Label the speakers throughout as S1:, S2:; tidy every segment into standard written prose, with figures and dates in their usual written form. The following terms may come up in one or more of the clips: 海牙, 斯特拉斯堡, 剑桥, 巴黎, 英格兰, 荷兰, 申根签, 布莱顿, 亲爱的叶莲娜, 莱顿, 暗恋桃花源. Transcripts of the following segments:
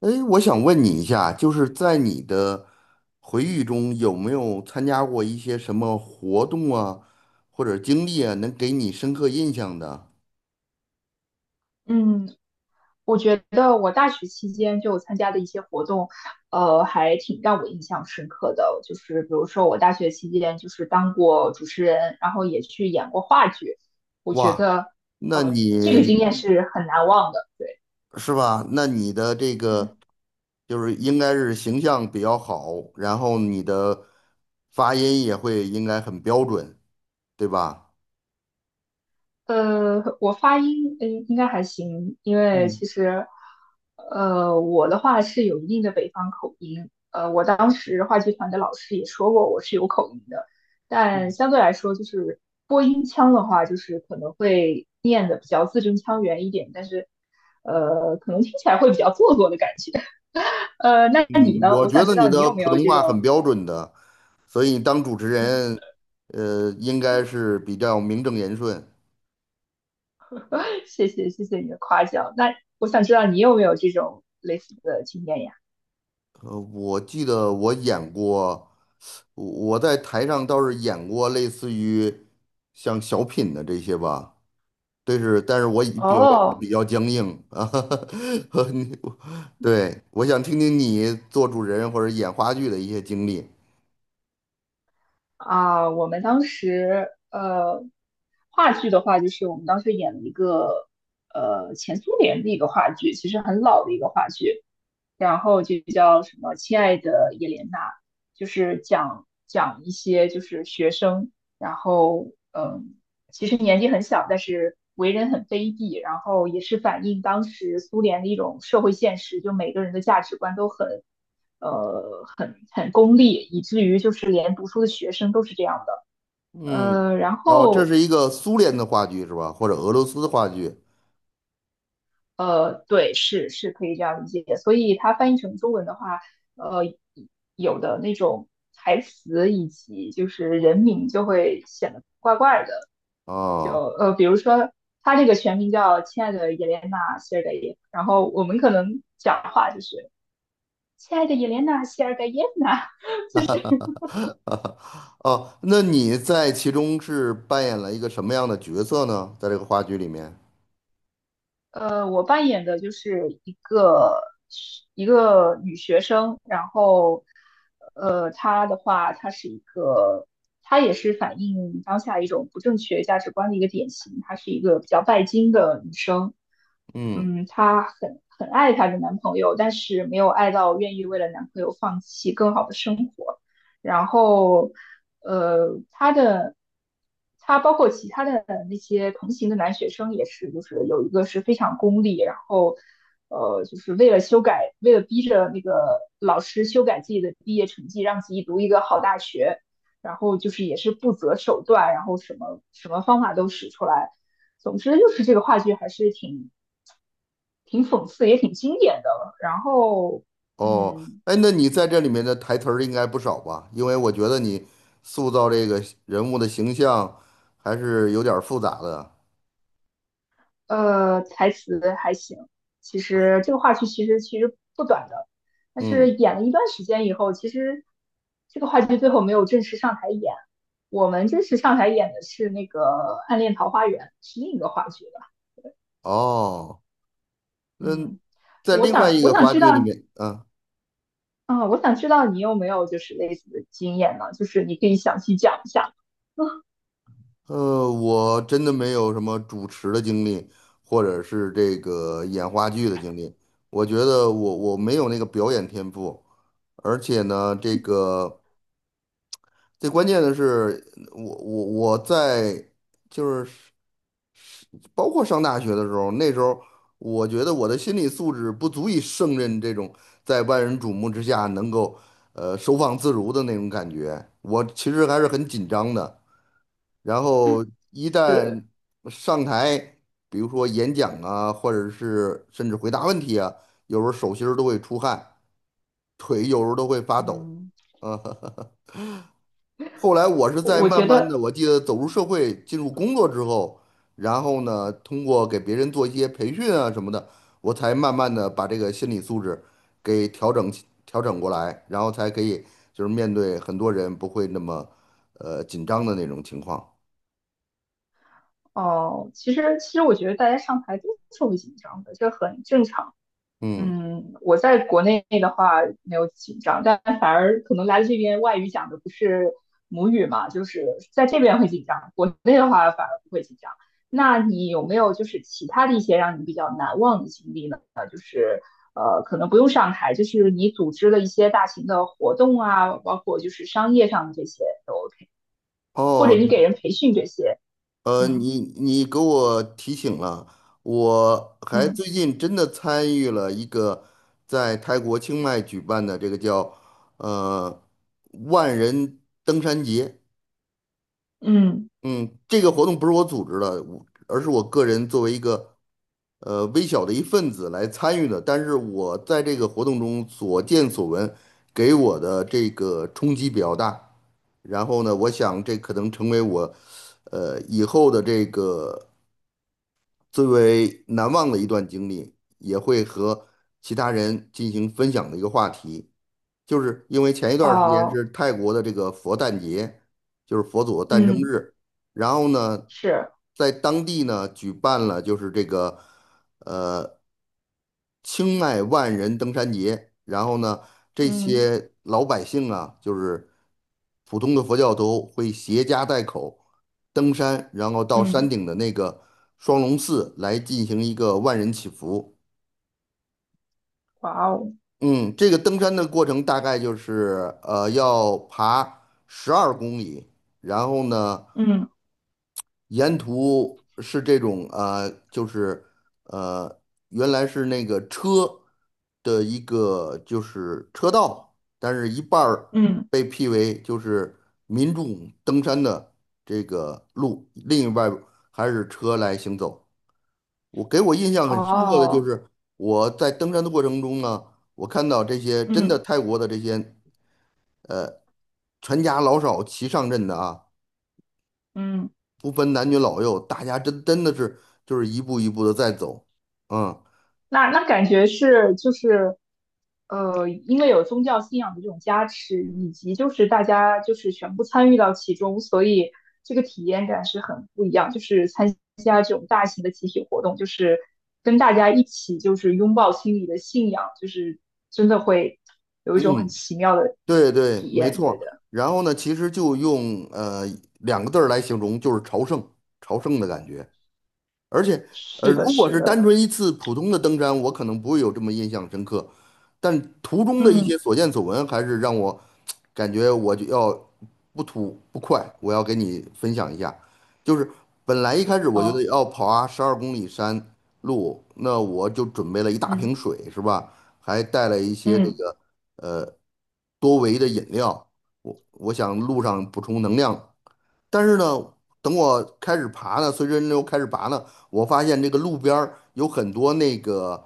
S1: 哎，我想问你一下，就是在你的回忆中，有没有参加过一些什么活动啊，或者经历啊，能给你深刻印象的？
S2: 嗯，我觉得我大学期间就参加的一些活动，还挺让我印象深刻的。就是比如说，我大学期间就是当过主持人，然后也去演过话剧。我觉
S1: 哇，
S2: 得，
S1: 那
S2: 这个
S1: 你
S2: 经验是很难忘的。对，
S1: 是吧？那你的这个
S2: 嗯。
S1: 就是应该是形象比较好，然后你的发音也会应该很标准，对吧？
S2: 我发音应该还行，因为
S1: 嗯。
S2: 其实我的话是有一定的北方口音，我当时话剧团的老师也说过我是有口音的，但相对来说就是播音腔的话，就是可能会念的比较字正腔圆一点，但是可能听起来会比较做作的感觉。那你
S1: 嗯，
S2: 呢？
S1: 我
S2: 我
S1: 觉
S2: 想
S1: 得
S2: 知
S1: 你
S2: 道你
S1: 的
S2: 有没
S1: 普
S2: 有
S1: 通
S2: 这
S1: 话很
S2: 种，
S1: 标准的，所以当主持人，应该是比较名正言顺。
S2: 谢谢你的夸奖。那我想知道你有没有这种类似的经验呀？
S1: 我记得我演过，我我在台上倒是演过类似于像小品的这些吧，但是我以表演得
S2: 哦，
S1: 比较僵硬啊，和你对，我想听听你做主持人或者演话剧的一些经历。
S2: 啊，我们当时话剧的话，就是我们当时演了一个前苏联的一个话剧，其实很老的一个话剧，然后就叫什么“亲爱的叶莲娜”，就是讲一些就是学生，然后嗯，其实年纪很小，但是为人很卑鄙，然后也是反映当时苏联的一种社会现实，就每个人的价值观都很很功利，以至于就是连读书的学生都是这样的。
S1: 嗯，
S2: 呃，然
S1: 然后这
S2: 后
S1: 是一个苏联的话剧是吧？或者俄罗斯的话剧
S2: 呃，对，是是可以这样理解。所以它翻译成中文的话，呃，有的那种台词以及就是人名就会显得怪怪的。
S1: 啊？哦。
S2: 比如说他这个全名叫亲爱的叶莲娜·谢尔盖耶夫，然后我们可能讲话就是亲爱的叶莲娜·谢尔盖耶娜，
S1: 哦，那你在其中是扮演了一个什么样的角色呢？在这个话剧里面，
S2: 我扮演的就是一个女学生，然后，她的话，她是一个，她也是反映当下一种不正确价值观的一个典型，她是一个比较拜金的女生，
S1: 嗯。
S2: 嗯，她很爱她的男朋友，但是没有爱到愿意为了男朋友放弃更好的生活。然后呃，他的他包括其他的那些同行的男学生也是，就是有一个是非常功利，然后就是为了修改，为了逼着那个老师修改自己的毕业成绩，让自己读一个好大学，然后就是也是不择手段，然后什么什么方法都使出来。总之就是这个话剧还是挺讽刺，也挺经典的。然后
S1: 哦，
S2: 嗯。
S1: 哎，那你在这里面的台词儿应该不少吧？因为我觉得你塑造这个人物的形象还是有点儿复杂的。
S2: 台词还行。其实这个话剧其实不短的，但是
S1: 嗯。
S2: 演了一段时间以后，其实这个话剧最后没有正式上台演。我们正式上台演的是那个《暗恋桃花源》，是另一个话剧了。
S1: 哦，那
S2: 嗯，
S1: 在
S2: 我
S1: 另外
S2: 想
S1: 一
S2: 我
S1: 个
S2: 想
S1: 话
S2: 知道，
S1: 剧里面，啊，
S2: 嗯，我想知道你有没有就是类似的经验呢？就是你可以详细讲一下。嗯
S1: 我真的没有什么主持的经历，或者是这个演话剧的经历。我觉得我没有那个表演天赋。而且呢，这个最关键的是，我我我在就是包括上大学的时候，那时候我觉得我的心理素质不足以胜任这种在万人瞩目之下能够收放自如的那种感觉，我其实还是很紧张的。然后一
S2: 是，
S1: 旦上台，比如说演讲啊，或者是甚至回答问题啊，有时候手心儿都会出汗，腿有时候都会发抖，
S2: 嗯
S1: 啊。后来我是
S2: 我
S1: 在
S2: 我
S1: 慢
S2: 觉
S1: 慢
S2: 得，
S1: 的，我记得走入社会、进入工作之后，然后呢，通过给别人做一些培训啊什么的，我才慢慢的把这个心理素质给调整过来，然后才可以就是面对很多人不会那么紧张的那种情况。
S2: 哦、其实我觉得大家上台都是会紧张的，这很正常。
S1: 嗯。
S2: 嗯，我在国内的话没有紧张，但反而可能来了这边外语讲的不是母语嘛，就是在这边会紧张，国内的话反而不会紧张。那你有没有就是其他的一些让你比较难忘的经历呢？就是可能不用上台，就是你组织了一些大型的活动啊，包括就是商业上的这些都 OK，或者
S1: 哦，
S2: 你给人培训这些，嗯
S1: 你你给我提醒了，我还最
S2: 嗯
S1: 近真的参与了一个在泰国清迈举办的这个叫呃万人登山节。
S2: 嗯，
S1: 嗯，这个活动不是我组织的，我而是我个人作为一个微小的一份子来参与的。但是我在这个活动中所见所闻，给我的这个冲击比较大。然后呢，我想这可能成为我，以后的这个最为难忘的一段经历，也会和其他人进行分享的一个话题，就是因为前一段儿时间
S2: 哦，
S1: 是泰国的这个佛诞节，就是佛祖的诞生
S2: 嗯，
S1: 日，然后呢，
S2: 是，
S1: 在当地呢举办了就是这个。呃。青迈万人登山节，然后呢，这
S2: 嗯
S1: 些老百姓啊，就是普通的佛教徒会携家带口登山，然后到山
S2: 嗯，
S1: 顶的那个双龙寺来进行一个万人祈福。
S2: 哇哦，
S1: 嗯，这个登山的过程大概就是要爬十二公里，然后呢。
S2: 嗯。
S1: 沿途是这种啊、就是呃，原来是那个车的一个就是车道，但是一半儿
S2: 嗯，
S1: 被辟为就是民众登山的这个路，另一半儿还是车来行走。我给我印象很深刻的就
S2: 哦，
S1: 是我在登山的过程中呢，我看到这些真
S2: 嗯
S1: 的泰国的这些全家老少齐上阵的啊。
S2: 嗯，
S1: 不分男女老幼，大家真真的是就是一步一步的在走，嗯
S2: 那那感觉是就是，因为有宗教信仰的这种加持，以及就是大家就是全部参与到其中，所以这个体验感是很不一样。就是参加这种大型的集体活动，就是跟大家一起就是拥抱心里的信仰，就是真的会有一种很
S1: 嗯，
S2: 奇妙的
S1: 对对，
S2: 体
S1: 没
S2: 验。对
S1: 错。
S2: 的，
S1: 然后呢，其实就用两个字儿来形容，就是朝圣，朝圣的感觉。而且，
S2: 是的，
S1: 如果
S2: 是
S1: 是单
S2: 的，
S1: 纯一次普通的登山，我可能不会有这么印象深刻，但途中的一
S2: 嗯，
S1: 些所见所闻，还是让我感觉我就要不吐不快。我要给你分享一下，就是本来一开始我觉得
S2: 哦，
S1: 要跑啊十二公里山路，那我就准备了一大
S2: 嗯
S1: 瓶水，是吧？还带了一些这
S2: 嗯
S1: 个呃多维的饮料，我想路上补充能量。但是呢，等我开始爬呢，随着人流开始爬呢，我发现这个路边儿有很多那个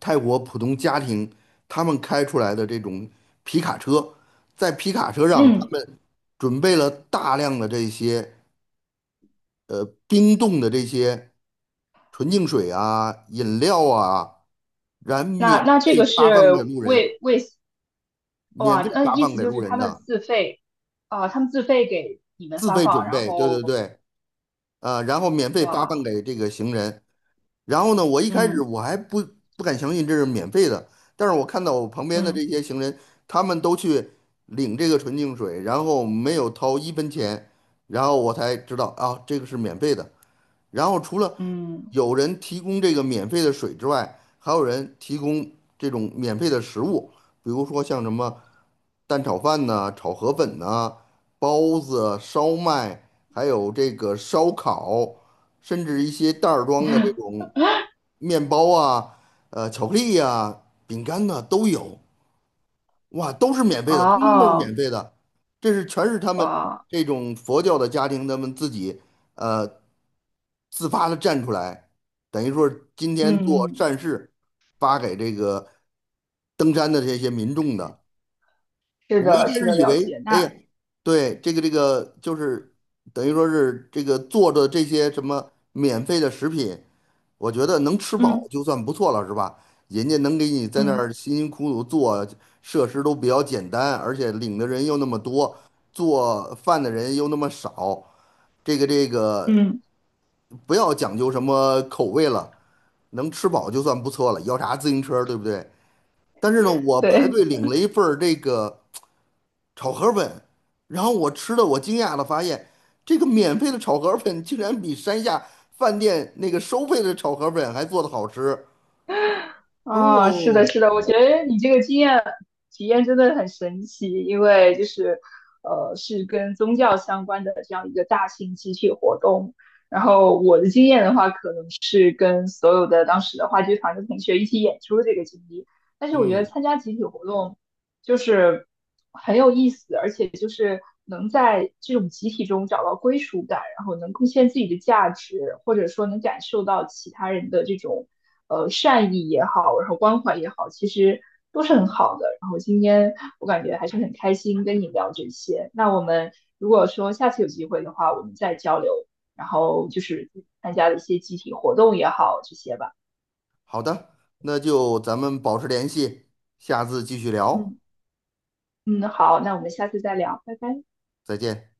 S1: 泰国普通家庭他们开出来的这种皮卡车，在皮卡车上他
S2: 嗯。
S1: 们准备了大量的这些冰冻的这些纯净水啊、饮料啊，然免
S2: 那那这个
S1: 费发放
S2: 是
S1: 给路人，
S2: 为为
S1: 免
S2: 哇，
S1: 费
S2: 那
S1: 发
S2: 意
S1: 放
S2: 思
S1: 给
S2: 就
S1: 路
S2: 是
S1: 人
S2: 他们
S1: 的，
S2: 自费啊，他们自费给你们
S1: 自
S2: 发
S1: 费
S2: 放，
S1: 准
S2: 然
S1: 备，对对
S2: 后
S1: 对。啊，然后免费发放
S2: 哇，
S1: 给这个行人，然后呢，我一开始
S2: 嗯
S1: 我还不不敢相信这是免费的，但是我看到我旁边的
S2: 嗯
S1: 这些行人，他们都去领这个纯净水，然后没有掏一分钱，然后我才知道啊，这个是免费的。然后除了
S2: 嗯，
S1: 有人提供这个免费的水之外，还有人提供这种免费的食物，比如说像什么蛋炒饭呐、炒河粉呐、包子、烧麦，还有这个烧烤，甚至一些袋儿装的这种。面包啊，巧克力呀、饼干呐、都有，哇，都是免费的，通通都是
S2: 哦
S1: 免费的。这是全是他们
S2: 哇，
S1: 这种佛教的家庭，他们自己呃自发的站出来，等于说是今天
S2: 嗯
S1: 做
S2: 嗯，嗯
S1: 善事，发给这个登山的这些民众的。
S2: 是
S1: 我一
S2: 的，
S1: 开
S2: 是
S1: 始
S2: 的，
S1: 以
S2: 了解。
S1: 为，哎呀，
S2: 那
S1: 对，这个就是等于说是这个做的这些什么免费的食品，我觉得能吃饱
S2: 嗯
S1: 就算不错了，是吧？人家能给你在那
S2: 嗯
S1: 儿辛辛苦苦做，设施都比较简单，而且领的人又那么多，做饭的人又那么少，这个
S2: 嗯，
S1: 不要讲究什么口味了，能吃饱就算不错了，要啥自行车，对不对？但是呢，我排
S2: 对。
S1: 队领了一份儿这个。炒河粉，然后我吃的，我惊讶的发现，这个免费的炒河粉竟然比山下饭店那个收费的炒河粉还做的好吃。
S2: 啊，是的，
S1: 哦，
S2: 是的，我觉得你这个经验体验真的很神奇，因为就是，是跟宗教相关的这样一个大型集体活动。然后我的经验的话，可能是跟所有的当时的话剧团的同学一起演出这个经历。但是我觉得
S1: 嗯，
S2: 参加集体活动就是很有意思，而且就是能在这种集体中找到归属感，然后能贡献自己的价值，或者说能感受到其他人的这种善意也好，然后关怀也好，其实都是很好的。然后今天我感觉还是很开心跟你聊这些。那我们如果说下次有机会的话，我们再交流，然后就是参加的一些集体活动也好，这些吧。
S1: 好的，那就咱们保持联系，下次继续聊，
S2: 嗯嗯，好，那我们下次再聊，拜拜。
S1: 再见。